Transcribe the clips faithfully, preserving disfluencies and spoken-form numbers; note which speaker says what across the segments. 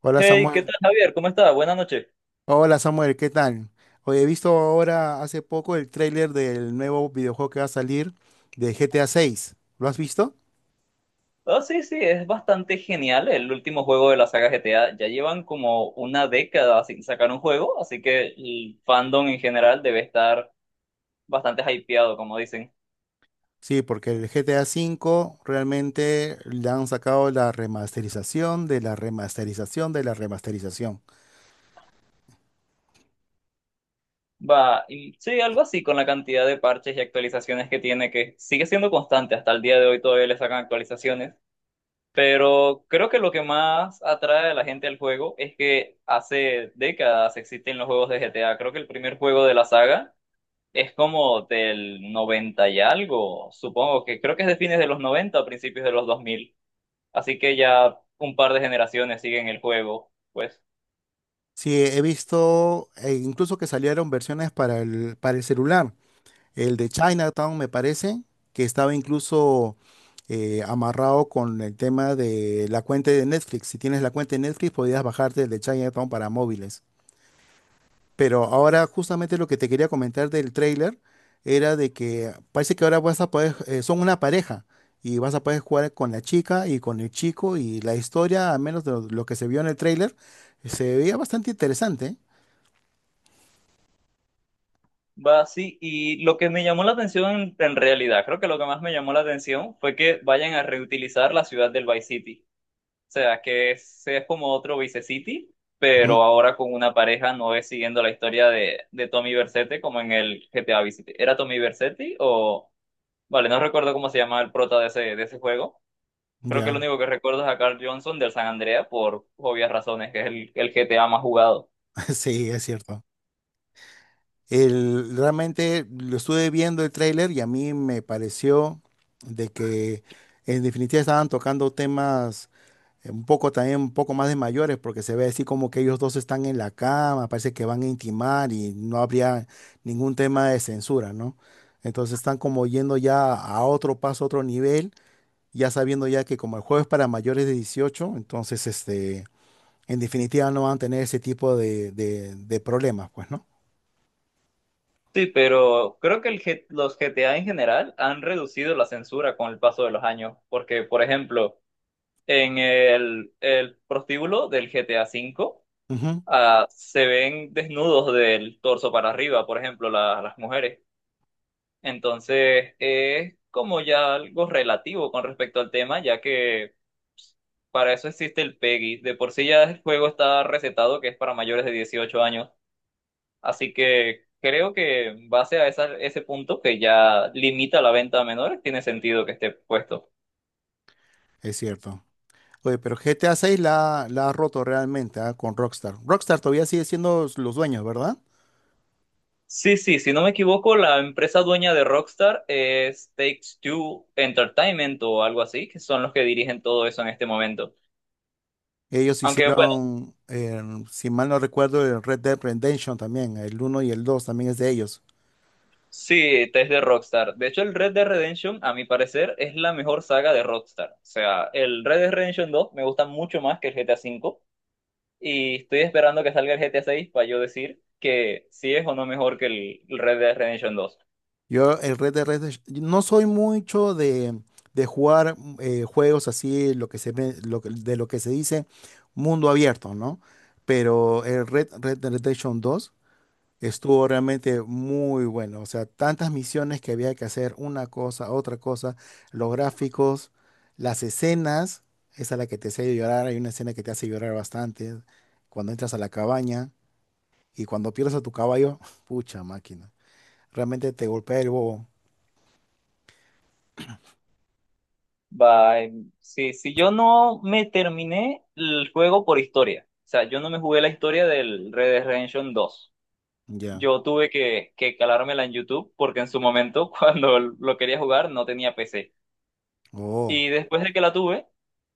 Speaker 1: Hola
Speaker 2: Hey, ¿qué
Speaker 1: Samuel.
Speaker 2: tal, Javier? ¿Cómo estás? Buenas noches.
Speaker 1: Hola Samuel, ¿qué tal? Hoy he visto ahora hace poco el tráiler del nuevo videojuego que va a salir de G T A seis. ¿Lo has visto?
Speaker 2: Oh, sí, sí, es bastante genial el último juego de la saga G T A. Ya llevan como una década sin sacar un juego, así que el fandom en general debe estar bastante hypeado, como dicen.
Speaker 1: Sí, porque el G T A cinco realmente le han sacado la remasterización de la remasterización de la remasterización.
Speaker 2: Va, y sí, algo así con la cantidad de parches y actualizaciones que tiene, que sigue siendo constante. Hasta el día de hoy todavía le sacan actualizaciones. Pero creo que lo que más atrae a la gente al juego es que hace décadas existen los juegos de G T A. Creo que el primer juego de la saga es como del noventa y algo. Supongo que creo que es de fines de los noventa a principios de los dos mil, así que ya un par de generaciones siguen el juego, pues.
Speaker 1: Sí, he visto eh, incluso que salieron versiones para el, para el celular. El de Chinatown, me parece, que estaba incluso eh, amarrado con el tema de la cuenta de Netflix. Si tienes la cuenta de Netflix, podías bajarte el de Chinatown para móviles. Pero ahora justamente lo que te quería comentar del tráiler era de que parece que ahora vas a poder, eh, son una pareja y vas a poder jugar con la chica y con el chico y la historia, al menos de lo, lo que se vio en el tráiler, se veía bastante interesante.
Speaker 2: Va así, y lo que me llamó la atención en realidad, creo que lo que más me llamó la atención fue que vayan a reutilizar la ciudad del Vice City. O sea, que es, es como otro Vice City,
Speaker 1: Ujú.
Speaker 2: pero ahora con una pareja, no es siguiendo la historia de, de Tommy Vercetti como en el G T A Vice City. ¿Era Tommy Vercetti o...? Vale, no recuerdo cómo se llama el prota de ese, de ese juego. Creo que lo
Speaker 1: Ya.
Speaker 2: único que recuerdo es a Carl Johnson del San Andrea por obvias razones, que es el, el G T A más jugado.
Speaker 1: Sí, es cierto. El, realmente lo estuve viendo el tráiler y a mí me pareció de que en definitiva estaban tocando temas eh, un poco también, un poco más de mayores, porque se ve así como que ellos dos están en la cama, parece que van a intimar y no habría ningún tema de censura, ¿no? Entonces están como yendo ya a otro paso, a otro nivel, ya sabiendo ya que como el juego es para mayores de dieciocho, entonces este, en definitiva no van a tener ese tipo de, de, de problemas, pues, ¿no?
Speaker 2: Sí, pero creo que el, G- los G T A en general han reducido la censura con el paso de los años, porque, por ejemplo, en el, el prostíbulo del G T A V,
Speaker 1: Ujú,
Speaker 2: ah, se ven desnudos del torso para arriba, por ejemplo, la- las mujeres. Entonces, es como ya algo relativo con respecto al tema, ya que para eso existe el PEGI. De por sí ya el juego está recetado que es para mayores de dieciocho años. Así que creo que en base a esa- ese punto que ya limita la venta a menores, tiene sentido que esté puesto.
Speaker 1: es cierto. Oye, pero G T A seis la, la ha roto realmente, ah, con Rockstar. Rockstar todavía sigue siendo los dueños, ¿verdad?
Speaker 2: Sí, sí, si no me equivoco, la empresa dueña de Rockstar es Take-Two Entertainment o algo así, que son los que dirigen todo eso en este momento.
Speaker 1: Ellos
Speaker 2: Aunque bueno,
Speaker 1: hicieron, eh, si mal no recuerdo, el Red Dead Redemption también, el uno y el dos también es de ellos.
Speaker 2: sí, es de Rockstar. De hecho, el Red Dead Redemption, a mi parecer, es la mejor saga de Rockstar. O sea, el Red Dead Redemption dos me gusta mucho más que el G T A V. Y estoy esperando que salga el G T A seis para yo decir que si es o no mejor que el el Red Dead Redemption dos.
Speaker 1: Yo el Red Dead Redemption, no soy mucho de, de jugar eh, juegos así, lo que se, ve- lo que- de lo que se dice mundo abierto, ¿no? Pero el Red, Red Dead Redemption dos. Estuvo realmente muy bueno. O sea, tantas misiones que había que hacer, una cosa, otra cosa, los gráficos, las escenas, esa es la que te hace llorar, hay una escena que te hace llorar bastante, cuando entras a la cabaña y cuando pierdes a tu caballo, pucha máquina, realmente te golpea el bobo.
Speaker 2: Bye. Sí, si yo no me terminé el juego por historia, o sea, yo no me jugué la historia del Red Dead Redemption dos.
Speaker 1: Ya.
Speaker 2: Yo tuve que, que calármela en YouTube porque en su momento, cuando lo quería jugar, no tenía P C.
Speaker 1: Oh,
Speaker 2: Y después de que la tuve,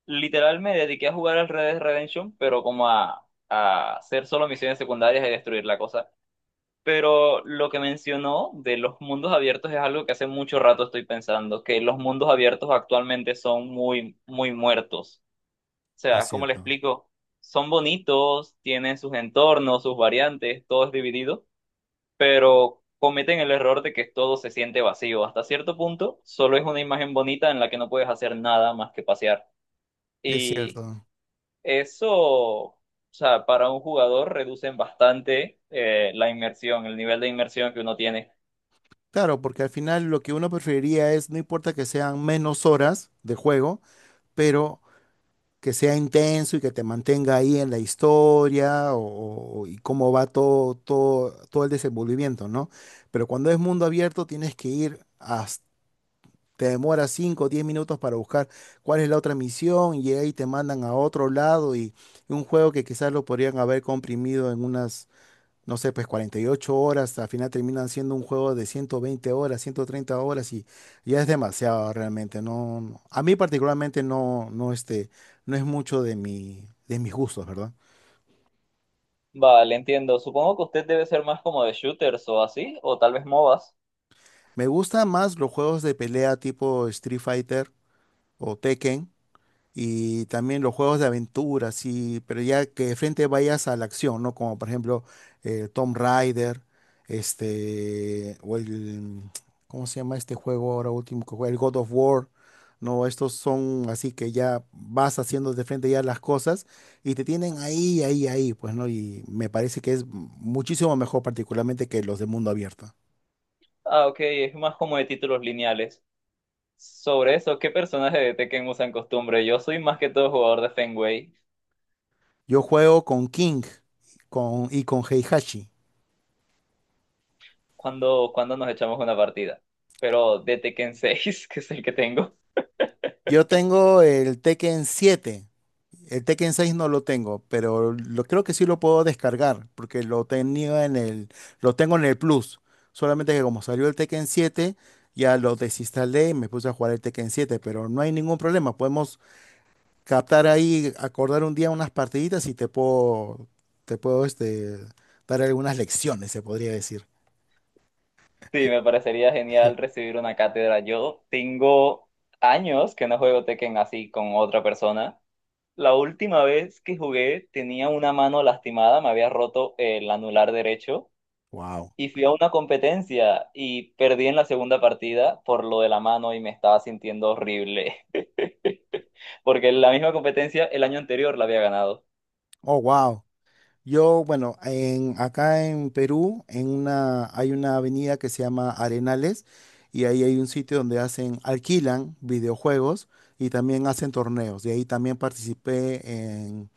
Speaker 2: literal me dediqué a jugar al Red Dead Redemption, pero como a, a hacer solo misiones secundarias y destruir la cosa. Pero lo que mencionó de los mundos abiertos es algo que hace mucho rato estoy pensando, que los mundos abiertos actualmente son muy, muy muertos. O
Speaker 1: es
Speaker 2: sea, ¿cómo le
Speaker 1: cierto,
Speaker 2: explico? Son bonitos, tienen sus entornos, sus variantes, todo es dividido, pero cometen el error de que todo se siente vacío. Hasta cierto punto, solo es una imagen bonita en la que no puedes hacer nada más que pasear.
Speaker 1: es
Speaker 2: Y
Speaker 1: cierto.
Speaker 2: eso, o sea, para un jugador reducen bastante eh, la inmersión, el nivel de inmersión que uno tiene.
Speaker 1: Claro, porque al final lo que uno preferiría es, no importa que sean menos horas de juego, pero que sea intenso y que te mantenga ahí en la historia o, o- y cómo va todo, todo, todo el desenvolvimiento, ¿no? Pero cuando es mundo abierto tienes que ir hasta, te demora cinco o diez minutos para buscar cuál es la otra misión y ahí te mandan a otro lado y un juego que quizás lo podrían haber comprimido en unas, no sé, pues cuarenta y ocho horas, al final terminan siendo un juego de ciento veinte horas, ciento treinta horas y ya es demasiado realmente. No, no- a mí particularmente no, no, este, no es mucho de mi, de mis gustos, ¿verdad?
Speaker 2: Vale, entiendo. Supongo que usted debe ser más como de shooters o así, o tal vez MOBAs.
Speaker 1: Me gustan más los juegos de pelea tipo Street Fighter o Tekken. Y también los juegos de aventura, sí, pero ya que de frente vayas a la acción, ¿no? Como por ejemplo eh, Tomb Raider, este, o el, ¿cómo se llama este juego ahora último que juega? El God of War, ¿no? Estos son así que ya vas haciendo de frente ya las cosas y te tienen ahí, ahí, ahí, pues, ¿no? Y me parece que es muchísimo mejor particularmente que los de mundo abierto.
Speaker 2: Ah, ok, es más como de títulos lineales. Sobre eso, ¿qué personaje de Tekken usan costumbre? Yo soy más que todo jugador de Fenway.
Speaker 1: Yo juego con King con, y con Heihachi.
Speaker 2: ¿cuando cuando nos echamos una partida? Pero de Tekken seis, que es el que tengo.
Speaker 1: Yo tengo el Tekken siete. El Tekken seis no lo tengo, pero lo creo que sí lo puedo descargar, porque lo tenía en el, lo tengo en el Plus. Solamente que como salió el Tekken siete, ya lo desinstalé y me puse a jugar el Tekken siete, pero no hay ningún problema. Podemos captar ahí, acordar un día unas partiditas y te puedo, te puedo este, dar algunas lecciones, se podría decir.
Speaker 2: Sí, me parecería genial recibir una cátedra. Yo tengo años que no juego Tekken así con otra persona. La última vez que jugué tenía una mano lastimada, me había roto el anular derecho.
Speaker 1: Wow.
Speaker 2: Y fui a una competencia y perdí en la segunda partida por lo de la mano y me estaba sintiendo horrible, porque la misma competencia el año anterior la había ganado.
Speaker 1: Oh, wow. Yo, bueno, en, acá en Perú en una, hay una avenida que se llama Arenales y ahí hay un sitio donde hacen, alquilan videojuegos y también hacen torneos. De ahí también participé en,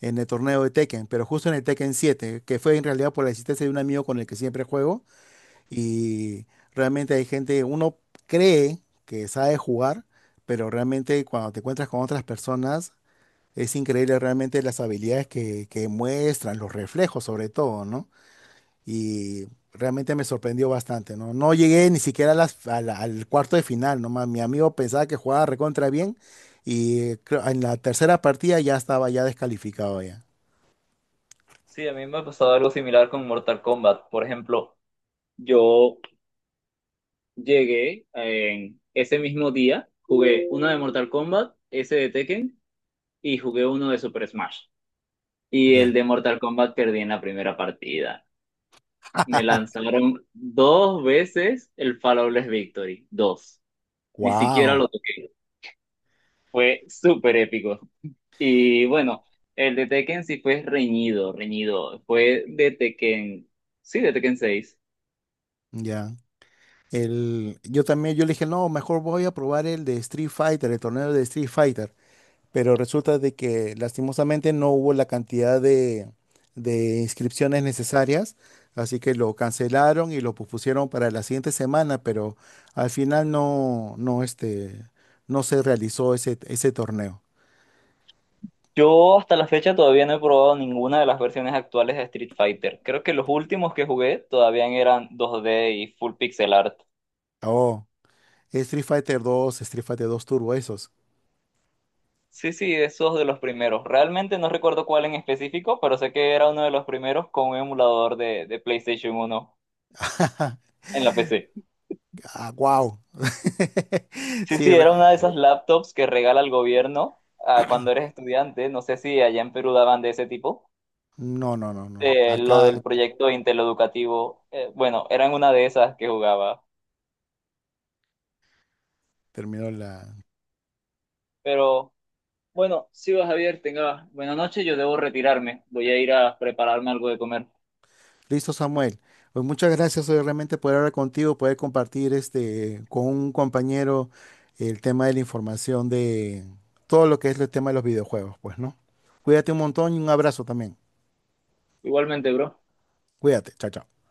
Speaker 1: en el torneo de Tekken, pero justo en el Tekken siete, que fue en realidad por la existencia de un amigo con el que siempre juego, y realmente hay gente, uno cree que sabe jugar, pero realmente cuando te encuentras con otras personas es increíble realmente las habilidades que, que muestran, los reflejos sobre todo, ¿no? Y realmente me sorprendió bastante, ¿no? No llegué ni siquiera a las- a la- al cuarto de final, nomás mi amigo pensaba que jugaba recontra bien y creo- en la tercera partida ya estaba ya descalificado ya.
Speaker 2: Sí, a mí me ha pasado algo similar con Mortal Kombat. Por ejemplo, yo llegué en ese mismo día, jugué uno de Mortal Kombat, ese de Tekken, y jugué uno de Super Smash. Y el
Speaker 1: Ya.
Speaker 2: de Mortal Kombat perdí en la primera partida. Me lanzaron dos veces el Flawless Victory, dos. Ni siquiera
Speaker 1: Wow.
Speaker 2: lo toqué. Fue súper épico. Y bueno, el de Tekken sí fue reñido, reñido. Fue de Tekken, sí, de Tekken seis.
Speaker 1: Ya. El, yo también, yo le dije, no, mejor voy a probar el de Street Fighter, el torneo de Street Fighter. Pero resulta de que lastimosamente no hubo la cantidad de, de inscripciones necesarias, así que lo cancelaron y lo pusieron para la siguiente semana, pero al final no, no, este, no se realizó ese, ese torneo.
Speaker 2: Yo hasta la fecha todavía no he probado ninguna de las versiones actuales de Street Fighter. Creo que los últimos que jugué todavía eran dos D y full pixel art.
Speaker 1: Oh, Street Fighter dos, Street Fighter dos Turbo, esos.
Speaker 2: Sí, sí, esos de los primeros. Realmente no recuerdo cuál en específico, pero sé que era uno de los primeros con un emulador de, de PlayStation uno en la P C.
Speaker 1: Ah, wow.
Speaker 2: Sí,
Speaker 1: Sí,
Speaker 2: sí,
Speaker 1: re-
Speaker 2: era una de esas laptops que regala el gobierno, ah, cuando eres estudiante. No sé si allá en Perú daban de ese tipo.
Speaker 1: no, no, no, no.
Speaker 2: Eh, lo
Speaker 1: Acá
Speaker 2: del proyecto intereducativo. Eh, bueno, eran una de esas que jugaba.
Speaker 1: terminó la.
Speaker 2: Pero bueno, sigo Javier, tenga buena noche. Yo debo retirarme. Voy a ir a prepararme algo de comer.
Speaker 1: Listo, Samuel. Pues muchas gracias hoy realmente poder hablar contigo, poder compartir este con un compañero el tema de la información de todo lo que es el tema de los videojuegos, pues, ¿no? Cuídate un montón y un abrazo también.
Speaker 2: Igualmente, bro.
Speaker 1: Cuídate, chao, chao.